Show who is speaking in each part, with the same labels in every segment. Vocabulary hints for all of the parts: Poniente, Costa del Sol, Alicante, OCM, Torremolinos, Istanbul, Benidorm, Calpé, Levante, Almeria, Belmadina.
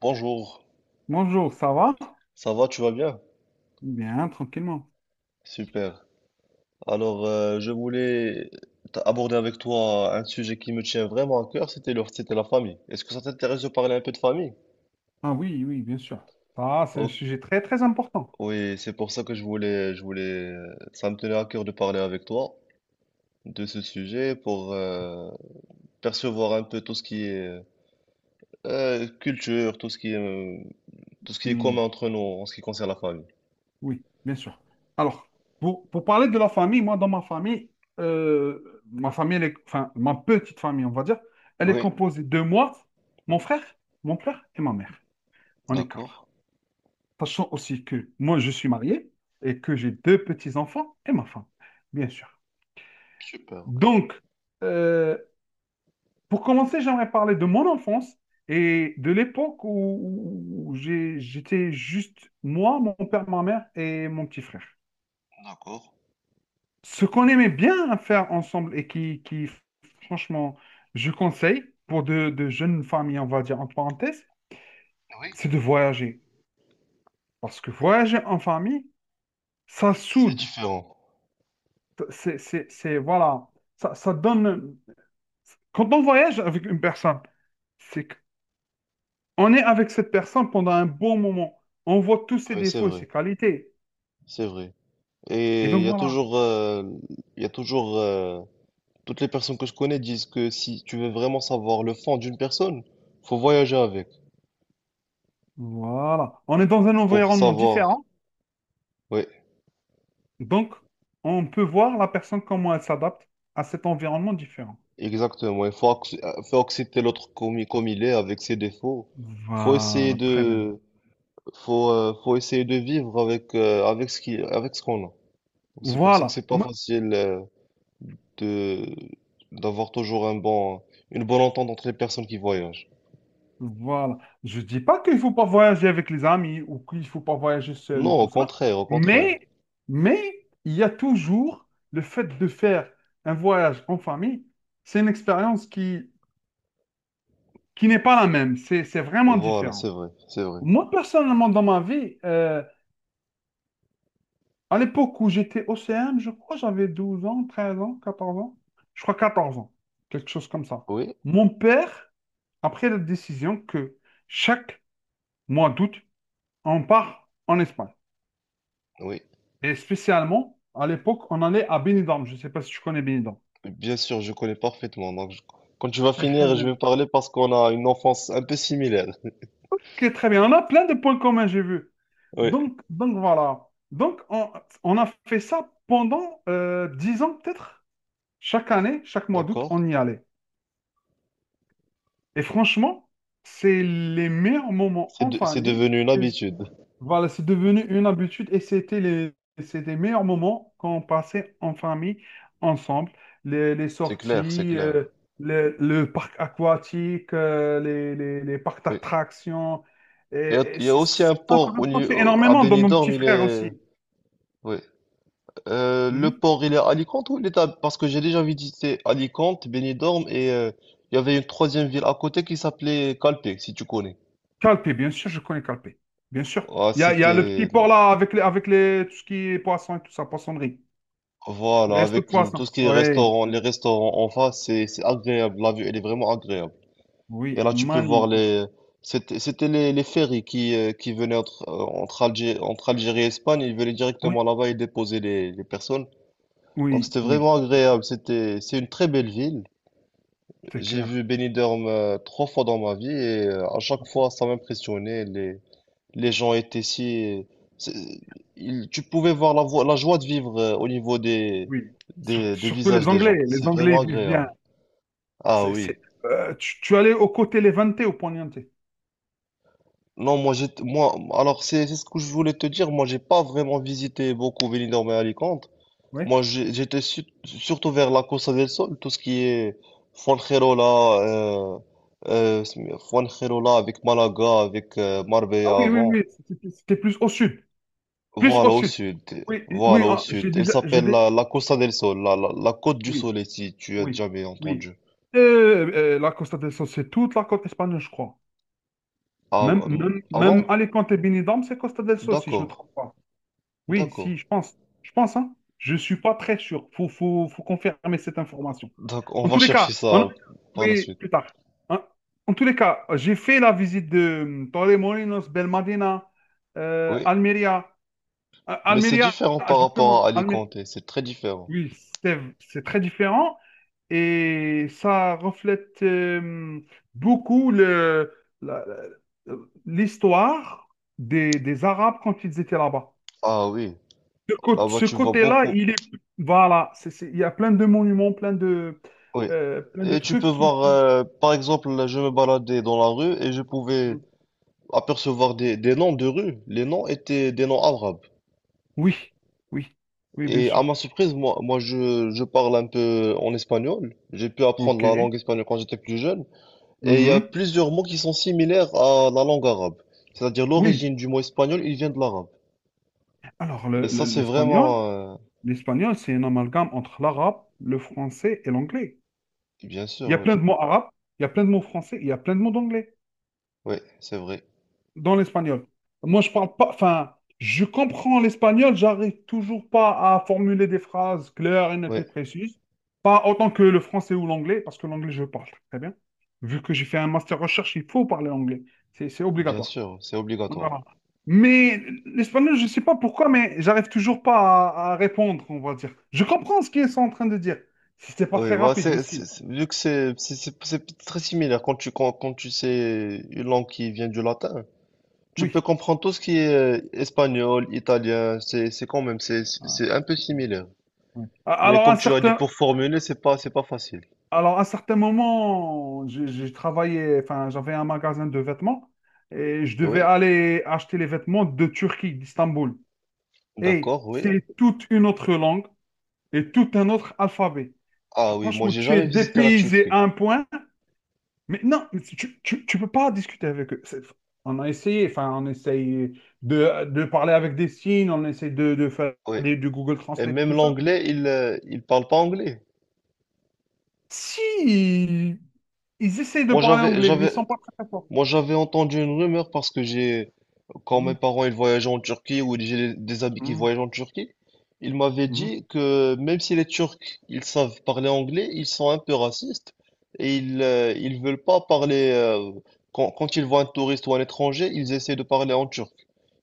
Speaker 1: Bonjour,
Speaker 2: Bonjour, ça va?
Speaker 1: ça va, tu vas bien?
Speaker 2: Bien, tranquillement.
Speaker 1: Super. Alors, je voulais aborder avec toi un sujet qui me tient vraiment à cœur, c'était c'était la famille. Est-ce que ça t'intéresse de parler un peu de famille?
Speaker 2: Ah oui, oui, bien sûr. Ça, c'est un
Speaker 1: Oh,
Speaker 2: sujet très, très important.
Speaker 1: oui, c'est pour ça que je voulais, ça me tenait à cœur de parler avec toi de ce sujet pour percevoir un peu tout ce qui est culture, tout ce qui est, tout ce qui est
Speaker 2: Mm,
Speaker 1: commun entre nous en ce qui concerne la famille.
Speaker 2: oui, bien sûr. Alors, pour parler de la famille, moi, dans ma famille, enfin, ma petite famille, on va dire, elle est
Speaker 1: Oui,
Speaker 2: composée de moi, mon frère, mon père et ma mère. On est quatre.
Speaker 1: d'accord.
Speaker 2: Sachant aussi que moi, je suis marié et que j'ai deux petits-enfants et ma femme, bien sûr.
Speaker 1: Super, ok.
Speaker 2: Donc, euh, Pour commencer, j'aimerais parler de mon enfance et de l'époque où j'étais juste moi, mon père, ma mère et mon petit frère.
Speaker 1: D'accord.
Speaker 2: Ce qu'on aimait bien faire ensemble et qui, franchement, je conseille pour de jeunes familles, on va dire en parenthèse,
Speaker 1: Oui,
Speaker 2: c'est de voyager. Parce que voyager en famille, ça
Speaker 1: c'est
Speaker 2: soude.
Speaker 1: différent.
Speaker 2: Voilà, ça, ça donne. Quand on voyage avec une personne, c'est on est avec cette personne pendant un bon moment. On voit tous ses
Speaker 1: Oui, c'est
Speaker 2: défauts et
Speaker 1: vrai.
Speaker 2: ses qualités.
Speaker 1: C'est vrai.
Speaker 2: Et
Speaker 1: Et il
Speaker 2: donc
Speaker 1: y a
Speaker 2: voilà.
Speaker 1: toujours, il y a toujours, euh, toutes les personnes que je connais disent que si tu veux vraiment savoir le fond d'une personne, faut voyager avec
Speaker 2: Voilà. On est dans un
Speaker 1: pour
Speaker 2: environnement
Speaker 1: savoir.
Speaker 2: différent.
Speaker 1: Oui,
Speaker 2: Donc, on peut voir la personne comment elle s'adapte à cet environnement différent.
Speaker 1: exactement. Il faut, faut accepter l'autre comme, comme il est, avec ses défauts. Faut essayer
Speaker 2: Voilà, très bien.
Speaker 1: de, faut, faut essayer de vivre avec, avec avec ce qu'on a. Donc, c'est pour ça que
Speaker 2: Voilà.
Speaker 1: c'est pas
Speaker 2: Moi,
Speaker 1: facile, de, d'avoir toujours une bonne entente entre les personnes qui voyagent.
Speaker 2: voilà. Je ne dis pas qu'il ne faut pas voyager avec les amis ou qu'il ne faut pas voyager seul et
Speaker 1: Non, au
Speaker 2: tout ça.
Speaker 1: contraire, au contraire.
Speaker 2: Mais, mais, il y a toujours le fait de faire un voyage en famille. C'est une expérience qui n'est pas la même. C'est vraiment
Speaker 1: Voilà, c'est
Speaker 2: différent.
Speaker 1: vrai, c'est vrai.
Speaker 2: Moi, personnellement, dans ma vie, à l'époque où j'étais au OCM, je crois, j'avais 12 ans, 13 ans, 14 ans. Je crois 14 ans, quelque chose comme ça.
Speaker 1: Oui,
Speaker 2: Mon père a pris la décision que chaque mois d'août, on part en Espagne.
Speaker 1: oui,
Speaker 2: Et spécialement, à l'époque, on allait à Benidorm. Je ne sais pas si tu connais Benidorm.
Speaker 1: bien sûr, je connais parfaitement. Donc, quand tu vas
Speaker 2: Très
Speaker 1: finir, je vais
Speaker 2: bien.
Speaker 1: parler parce qu'on a une enfance un peu similaire.
Speaker 2: Ok, très bien. On a plein de points communs, j'ai vu.
Speaker 1: Oui,
Speaker 2: Donc, voilà. Donc, on a fait ça pendant 10 ans, peut-être. Chaque année, chaque mois d'août, on
Speaker 1: d'accord.
Speaker 2: y allait. Et franchement, c'est les meilleurs moments en
Speaker 1: C'est
Speaker 2: famille.
Speaker 1: devenu une
Speaker 2: Et
Speaker 1: habitude.
Speaker 2: voilà, c'est devenu une habitude et c'est les meilleurs moments qu'on passait en famille ensemble. Les
Speaker 1: C'est clair, c'est
Speaker 2: sorties,
Speaker 1: clair.
Speaker 2: le parc aquatique, les parcs
Speaker 1: Oui.
Speaker 2: d'attractions.
Speaker 1: Il y
Speaker 2: Et,
Speaker 1: a,
Speaker 2: et,
Speaker 1: il y a
Speaker 2: ça
Speaker 1: aussi
Speaker 2: ça
Speaker 1: un
Speaker 2: m'a
Speaker 1: port au, ni-
Speaker 2: rapproché
Speaker 1: au- à
Speaker 2: énormément de mon
Speaker 1: Benidorm,
Speaker 2: petit
Speaker 1: il
Speaker 2: frère
Speaker 1: est.
Speaker 2: aussi.
Speaker 1: Oui. Le
Speaker 2: Mhm.
Speaker 1: port, il est à Alicante ou Parce que j'ai déjà visité Alicante, Benidorm et il y avait une troisième ville à côté qui s'appelait Calpe, si tu connais.
Speaker 2: Calpé, bien sûr, je connais Calpé. Bien sûr.
Speaker 1: Ah,
Speaker 2: Il y a le petit
Speaker 1: c'était
Speaker 2: port là avec les, tout ce qui est poisson et tout ça, poissonnerie. Les
Speaker 1: voilà,
Speaker 2: restos de
Speaker 1: avec tout
Speaker 2: poisson.
Speaker 1: ce qui est
Speaker 2: Oui.
Speaker 1: restaurant, les restaurants en face, c'est agréable. La vue, elle est vraiment agréable. Et
Speaker 2: Oui,
Speaker 1: là, tu peux voir
Speaker 2: magnifique.
Speaker 1: les. C'était les ferries qui venaient entre Algérie et Espagne. Ils venaient
Speaker 2: Oui,
Speaker 1: directement là-bas et déposaient les personnes. Donc,
Speaker 2: oui,
Speaker 1: c'était
Speaker 2: oui,
Speaker 1: vraiment agréable. C'est une très belle ville.
Speaker 2: c'est
Speaker 1: J'ai
Speaker 2: clair.
Speaker 1: vu Benidorm trois fois dans ma vie et à chaque
Speaker 2: Ok.
Speaker 1: fois, ça m'impressionnait. Les gens étaient si... c'est- tu pouvais voir la joie de vivre au niveau des,
Speaker 2: Oui.
Speaker 1: des, des
Speaker 2: Surtout
Speaker 1: visages
Speaker 2: les
Speaker 1: des
Speaker 2: Anglais.
Speaker 1: gens.
Speaker 2: Les
Speaker 1: C'est
Speaker 2: Anglais
Speaker 1: vraiment
Speaker 2: ils vivent bien.
Speaker 1: agréable. Ah
Speaker 2: C'est,
Speaker 1: oui.
Speaker 2: c'est- tu allais au côté Levante au Poniente.
Speaker 1: Non, moi, alors c'est ce que je voulais te dire. Moi, j'ai pas vraiment visité beaucoup Benidorm et Alicante.
Speaker 2: Oui.
Speaker 1: Moi, j'ai- j'étais surtout vers la Costa del Sol, tout ce qui est Fuengirola, euh, euh, Fuengirola avec Malaga, avec
Speaker 2: Ah
Speaker 1: Marbella
Speaker 2: oui, oui,
Speaker 1: avant.
Speaker 2: oui. C'était plus au sud. Plus au
Speaker 1: Voilà au
Speaker 2: sud.
Speaker 1: sud,
Speaker 2: Oui, oui,
Speaker 1: voilà au
Speaker 2: ah, j'ai
Speaker 1: sud. Elle
Speaker 2: déjà.
Speaker 1: s'appelle la Costa del Sol, la Côte du
Speaker 2: Oui,
Speaker 1: Soleil, si tu as
Speaker 2: oui,
Speaker 1: jamais
Speaker 2: oui.
Speaker 1: entendu.
Speaker 2: La Costa del Sol, c'est toute la côte espagnole, je crois.
Speaker 1: Ah,
Speaker 2: Même, même,
Speaker 1: ah bon?
Speaker 2: même Alicante et Benidorm, c'est Costa del Sol, si je me
Speaker 1: D'accord,
Speaker 2: trompe pas. Oui,
Speaker 1: d'accord.
Speaker 2: si, je pense. Je pense, hein. Je suis pas très sûr. Faut confirmer cette information.
Speaker 1: Donc on
Speaker 2: En
Speaker 1: va
Speaker 2: tous les cas,
Speaker 1: chercher ça par la
Speaker 2: oui,
Speaker 1: suite.
Speaker 2: plus tard. En, en tous les cas, j'ai fait la visite de Torremolinos, Belmadina,
Speaker 1: Oui,
Speaker 2: Almeria.
Speaker 1: mais c'est
Speaker 2: Almeria,
Speaker 1: différent par
Speaker 2: justement.
Speaker 1: rapport à Alicante, c'est très différent.
Speaker 2: Oui, c'est très différent et ça reflète beaucoup la- la- l'histoire des Arabes quand ils étaient là-bas.
Speaker 1: Ah oui,
Speaker 2: Ce, cô-
Speaker 1: là-bas
Speaker 2: ce
Speaker 1: tu vois
Speaker 2: côté-là,
Speaker 1: beaucoup.
Speaker 2: il est. Voilà, il y a plein de monuments, plein de,
Speaker 1: Oui.
Speaker 2: euh, plein de
Speaker 1: Et tu peux
Speaker 2: trucs qui...
Speaker 1: voir,
Speaker 2: qui-
Speaker 1: par exemple, là, je me baladais dans la rue et je pouvais
Speaker 2: Mmh.
Speaker 1: apercevoir des noms de rues. Les noms étaient des noms arabes.
Speaker 2: Oui, oui, oui, bien
Speaker 1: Et à
Speaker 2: sûr.
Speaker 1: ma surprise, je parle un peu en espagnol. J'ai pu apprendre la
Speaker 2: OK.
Speaker 1: langue espagnole quand j'étais plus jeune. Et il y a
Speaker 2: Mhm.
Speaker 1: plusieurs mots qui sont similaires à la langue arabe. C'est-à-dire
Speaker 2: Oui.
Speaker 1: l'origine du mot espagnol, il vient de l'arabe.
Speaker 2: Alors,
Speaker 1: Et
Speaker 2: le-
Speaker 1: ça,
Speaker 2: le-
Speaker 1: c'est
Speaker 2: l'espagnol,
Speaker 1: vraiment...
Speaker 2: l'espagnol, c'est un amalgame entre l'arabe, le français et l'anglais.
Speaker 1: Bien sûr,
Speaker 2: Il y a
Speaker 1: oui.
Speaker 2: plein de mots arabes, il y a plein de mots français, il y a plein de mots d'anglais
Speaker 1: Oui, c'est vrai.
Speaker 2: dans l'espagnol. Moi, je parle pas, enfin, je comprends l'espagnol, j'arrive toujours pas à formuler des phrases claires et nettes
Speaker 1: Oui,
Speaker 2: et précises, pas autant que le français ou l'anglais, parce que l'anglais, je parle très bien. Vu que j'ai fait un master recherche, il faut parler anglais, c'est
Speaker 1: bien
Speaker 2: obligatoire.
Speaker 1: sûr, c'est obligatoire.
Speaker 2: Voilà. Mais l'espagnol, je sais pas pourquoi, mais j'arrive toujours pas à répondre, on va dire. Je comprends ce qu'ils sont en train de dire. C'était pas
Speaker 1: Oui,
Speaker 2: très
Speaker 1: bah
Speaker 2: rapide
Speaker 1: c'est,
Speaker 2: aussi.
Speaker 1: vu que c'est très similaire quand tu sais une langue qui vient du latin, tu
Speaker 2: Oui.
Speaker 1: peux comprendre tout ce qui est espagnol, italien, c'est quand même c'est c'est
Speaker 2: Ah,
Speaker 1: c'est un peu similaire.
Speaker 2: ouais.
Speaker 1: Mais
Speaker 2: Alors,
Speaker 1: comme
Speaker 2: un
Speaker 1: tu as dit,
Speaker 2: certain
Speaker 1: pour formuler, c'est pas facile.
Speaker 2: Alors, à certains moments, j'ai travaillé, enfin, j'avais un magasin de vêtements et je
Speaker 1: Oui,
Speaker 2: devais aller acheter les vêtements de Turquie, d'Istanbul. Et
Speaker 1: d'accord, oui.
Speaker 2: c'est toute une autre langue et tout un autre alphabet.
Speaker 1: Ah oui, moi
Speaker 2: Franchement,
Speaker 1: j'ai
Speaker 2: tu es
Speaker 1: jamais visité la
Speaker 2: dépaysé
Speaker 1: Turquie.
Speaker 2: à un point, mais non, mais tu peux pas discuter avec eux. On a essayé, enfin, on essaye de parler avec des signes, on essaye de faire
Speaker 1: Oui.
Speaker 2: du Google
Speaker 1: Et
Speaker 2: Translate et
Speaker 1: même
Speaker 2: tout ça.
Speaker 1: l'anglais, il parle pas anglais.
Speaker 2: Si, ils essayent de
Speaker 1: Moi
Speaker 2: parler
Speaker 1: j'avais,
Speaker 2: anglais, mais ils
Speaker 1: j'avais,
Speaker 2: sont pas très, très forts.
Speaker 1: moi j'avais entendu une rumeur. Quand mes
Speaker 2: Hmm,
Speaker 1: parents ils voyageaient en Turquie ou j'ai des amis qui
Speaker 2: hmm.
Speaker 1: voyagent en Turquie, ils m'avaient dit
Speaker 2: Mhm.
Speaker 1: que même si les Turcs ils savent parler anglais, ils sont un peu racistes et ils veulent pas parler quand ils voient un touriste ou un étranger, ils essaient de parler en turc.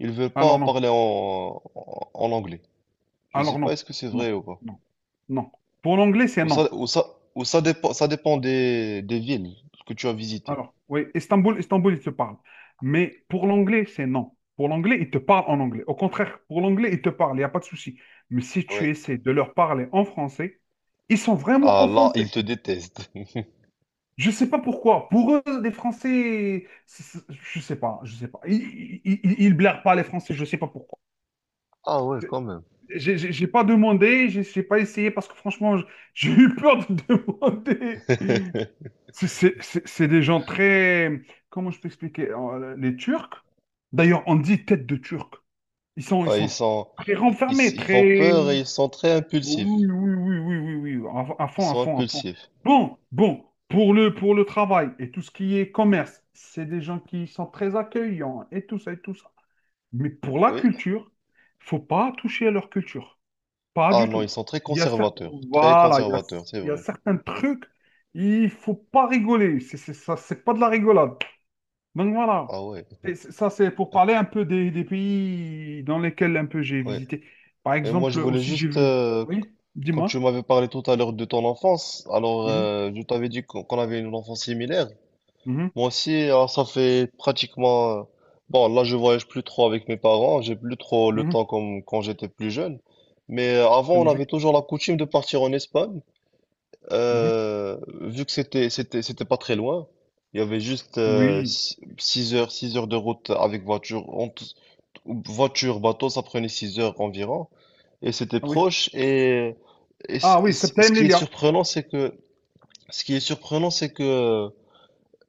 Speaker 1: Ils veulent pas
Speaker 2: Alors non.
Speaker 1: parler en anglais. Je sais
Speaker 2: Alors
Speaker 1: pas
Speaker 2: non.
Speaker 1: est-ce que c'est
Speaker 2: Non.
Speaker 1: vrai ou pas.
Speaker 2: Non. Non. Pour l'anglais, c'est
Speaker 1: Ou
Speaker 2: non.
Speaker 1: ça ou ça ou ça dépend des villes que tu as visitées.
Speaker 2: Alors, oui, Istanbul, Istanbul, il te parle. Mais pour l'anglais, c'est non. Pour l'anglais, il te parle en anglais. Au contraire, pour l'anglais, il te parle, il n'y a pas de souci. Mais si tu
Speaker 1: Ouais.
Speaker 2: essaies de leur parler en français, ils sont vraiment
Speaker 1: Ah là, ils
Speaker 2: offensés.
Speaker 1: te détestent.
Speaker 2: Je ne sais pas pourquoi. Pour eux, les Français, je ne sais pas, je sais pas. Ils ils blairent pas les Français, je ne sais pas pourquoi.
Speaker 1: Ah ouais, quand même.
Speaker 2: J'ai pas demandé, j'ai pas essayé parce que franchement, j'ai eu peur de demander. C'est des gens très. Comment je peux expliquer? Les Turcs, d'ailleurs, on dit tête de Turc. Ils sont, ils
Speaker 1: Ah,
Speaker 2: sont très renfermés,
Speaker 1: ils font
Speaker 2: très.
Speaker 1: peur et ils sont très
Speaker 2: Oui, oui,
Speaker 1: impulsifs.
Speaker 2: oui, oui, oui, oui, oui, à
Speaker 1: Ils
Speaker 2: fond, à
Speaker 1: sont
Speaker 2: fond, à fond.
Speaker 1: impulsifs.
Speaker 2: Bon, pour le travail et tout ce qui est commerce, c'est des gens qui sont très accueillants et tout ça et tout ça. Mais pour la
Speaker 1: Oui.
Speaker 2: culture, faut pas toucher à leur culture. Pas
Speaker 1: Ah
Speaker 2: du
Speaker 1: non, ils
Speaker 2: tout.
Speaker 1: sont très
Speaker 2: Il y a certains,
Speaker 1: conservateurs. Très
Speaker 2: voilà, il y a,
Speaker 1: conservateurs, c'est
Speaker 2: il y a
Speaker 1: vrai.
Speaker 2: certains trucs, il faut pas rigoler. C'est ça, c'est pas de la rigolade. Donc voilà.
Speaker 1: Ah ouais.
Speaker 2: Ça, c'est pour parler un peu des pays dans lesquels un peu j'ai
Speaker 1: Ouais.
Speaker 2: visité. Par
Speaker 1: Et moi,
Speaker 2: exemple,
Speaker 1: je voulais
Speaker 2: aussi j'ai
Speaker 1: juste,
Speaker 2: vu. Oui,
Speaker 1: quand tu
Speaker 2: dis-moi.
Speaker 1: m'avais parlé tout à l'heure de ton enfance, alors
Speaker 2: Mhm,
Speaker 1: je t'avais dit qu'on avait une enfance similaire.
Speaker 2: mhm,
Speaker 1: Moi aussi, alors, ça fait pratiquement. Bon, là, je voyage plus trop avec mes parents. J'ai plus trop le
Speaker 2: mhm.
Speaker 1: temps comme quand j'étais plus jeune. Mais avant,
Speaker 2: C'est
Speaker 1: on avait
Speaker 2: logique.
Speaker 1: toujours la coutume de partir en Espagne.
Speaker 2: Mhm.
Speaker 1: Vu que c'était pas très loin, il y avait juste
Speaker 2: Oui.
Speaker 1: 6 heures de route avec voiture voiture bateau, ça prenait 6 heures environ et c'était
Speaker 2: Ah oui.
Speaker 1: proche,
Speaker 2: Ah oui,
Speaker 1: ce
Speaker 2: Septem
Speaker 1: qui est
Speaker 2: Lilia.
Speaker 1: surprenant c'est que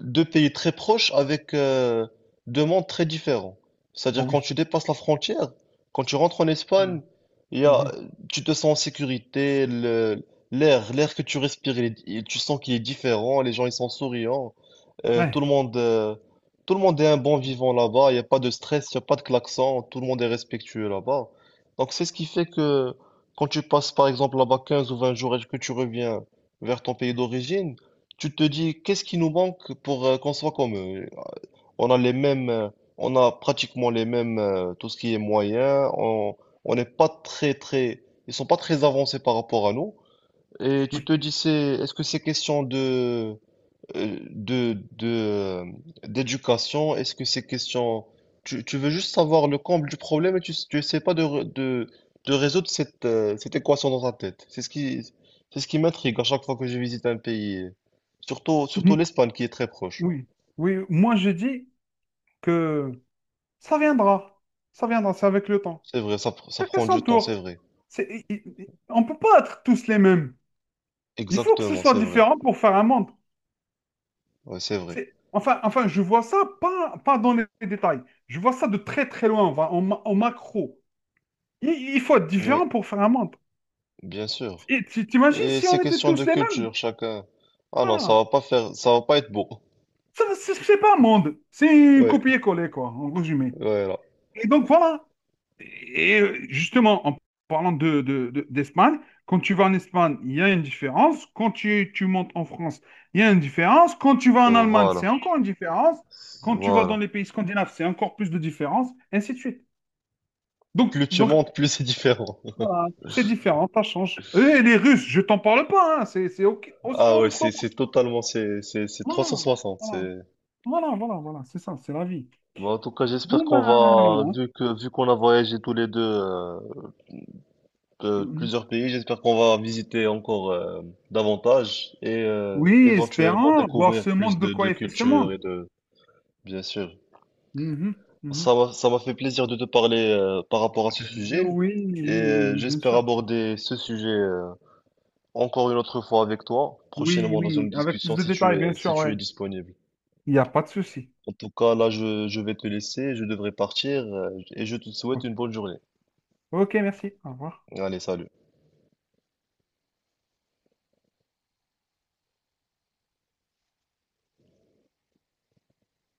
Speaker 1: deux pays très proches avec deux mondes très différents.
Speaker 2: Ah
Speaker 1: C'est-à-dire quand
Speaker 2: oui.
Speaker 1: tu dépasses la frontière, quand tu rentres en Espagne,
Speaker 2: Mhm,
Speaker 1: il y a,
Speaker 2: mhm.
Speaker 1: tu te sens en sécurité, l'air que tu respires, tu sens qu'il est différent, les gens ils sont souriants, euh, tout
Speaker 2: Ouais,
Speaker 1: le monde, euh, tout le monde est un bon vivant là-bas, il n'y a pas de stress, il n'y a pas de klaxon, tout le monde est respectueux là-bas. Donc c'est ce qui fait que quand tu passes par exemple là-bas 15 ou 20 jours et que tu reviens vers ton pays d'origine, tu te dis, qu'est-ce qui nous manque pour qu'on soit comme eux? On a on a pratiquement les mêmes, tout ce qui est moyen. On n'est pas ils sont pas très avancés par rapport à nous. Et tu te
Speaker 2: oui.
Speaker 1: dis, c'est, est-ce que c'est question euh, de, de, euh, d'éducation? Est-ce que ces questions... Tu veux juste savoir le comble du problème et tu essaies pas de résoudre cette équation dans ta tête. C'est ce qui m'intrigue à chaque fois que je visite un pays. Surtout,
Speaker 2: Mhm,
Speaker 1: l'Espagne qui est très proche.
Speaker 2: oui. Oui. Moi, je dis que ça viendra. Ça viendra, c'est avec le temps.
Speaker 1: C'est vrai, ça
Speaker 2: Chacun
Speaker 1: prend
Speaker 2: son
Speaker 1: du temps, c'est
Speaker 2: tour.
Speaker 1: vrai.
Speaker 2: On ne peut pas être tous les mêmes. Il faut que ce
Speaker 1: Exactement,
Speaker 2: soit
Speaker 1: c'est vrai.
Speaker 2: différent pour faire un monde.
Speaker 1: Ouais, c'est vrai.
Speaker 2: Enfin, je vois ça pas dans les détails. Je vois ça de très très loin, enfin, en macro. Il faut être
Speaker 1: Oui,
Speaker 2: différent pour faire un monde.
Speaker 1: bien sûr.
Speaker 2: Et t'imagines
Speaker 1: Et
Speaker 2: si
Speaker 1: ces
Speaker 2: on était
Speaker 1: questions de
Speaker 2: tous les mêmes?
Speaker 1: culture, chacun. Ah non, ça
Speaker 2: Ah,
Speaker 1: va pas faire, ça va pas être beau.
Speaker 2: ça, c'est pas un monde. C'est une
Speaker 1: Ouais,
Speaker 2: copier-coller, quoi, en résumé.
Speaker 1: voilà.
Speaker 2: Et donc voilà. Et justement, en parlant d'Espagne, quand tu vas en Espagne, il y a une différence. Quand tu montes en France, il y a une différence. Quand tu vas
Speaker 1: Et
Speaker 2: en Allemagne,
Speaker 1: voilà.
Speaker 2: c'est encore une différence. Quand tu vas dans
Speaker 1: Voilà.
Speaker 2: les pays scandinaves, c'est encore plus de différence, ainsi de suite. Donc,
Speaker 1: Plus tu
Speaker 2: donc
Speaker 1: montes, plus c'est différent.
Speaker 2: voilà, c'est différent, ça change. Et les Russes, je t'en parle pas, hein, c'est aussi
Speaker 1: Ah
Speaker 2: en
Speaker 1: ouais,
Speaker 2: autre monde.
Speaker 1: c'est totalement c'est trois
Speaker 2: Voilà,
Speaker 1: cent soixante.
Speaker 2: voilà,
Speaker 1: C'est
Speaker 2: voilà, voilà, voilà, c'est ça, c'est la vie.
Speaker 1: Bon, en tout cas, j'espère
Speaker 2: Bon, ben
Speaker 1: qu'on va
Speaker 2: voilà.
Speaker 1: vu que vu qu'on a voyagé tous les deux de
Speaker 2: Mhm.
Speaker 1: plusieurs pays, j'espère qu'on va visiter encore davantage et
Speaker 2: Oui,
Speaker 1: éventuellement
Speaker 2: espérant voir
Speaker 1: découvrir
Speaker 2: ce
Speaker 1: plus
Speaker 2: monde de
Speaker 1: de
Speaker 2: quoi est fait ce
Speaker 1: cultures.
Speaker 2: monde.
Speaker 1: Et de Bien sûr.
Speaker 2: Mhm, mhm.
Speaker 1: Ça m'a fait plaisir de te parler par rapport à ce
Speaker 2: Oui,
Speaker 1: sujet
Speaker 2: oui,
Speaker 1: et
Speaker 2: oui, oui, oui, bien
Speaker 1: j'espère
Speaker 2: sûr.
Speaker 1: aborder ce sujet encore une autre fois avec toi,
Speaker 2: Oui,
Speaker 1: prochainement dans
Speaker 2: oui,
Speaker 1: une
Speaker 2: avec plus
Speaker 1: discussion
Speaker 2: de
Speaker 1: si tu
Speaker 2: détails, bien
Speaker 1: es
Speaker 2: sûr, ouais.
Speaker 1: disponible.
Speaker 2: Il n'y a pas de souci.
Speaker 1: En tout cas, là, je vais te laisser, je devrais partir et je te souhaite
Speaker 2: Ok,
Speaker 1: une bonne journée.
Speaker 2: ok, merci. Au revoir.
Speaker 1: Allez, salut.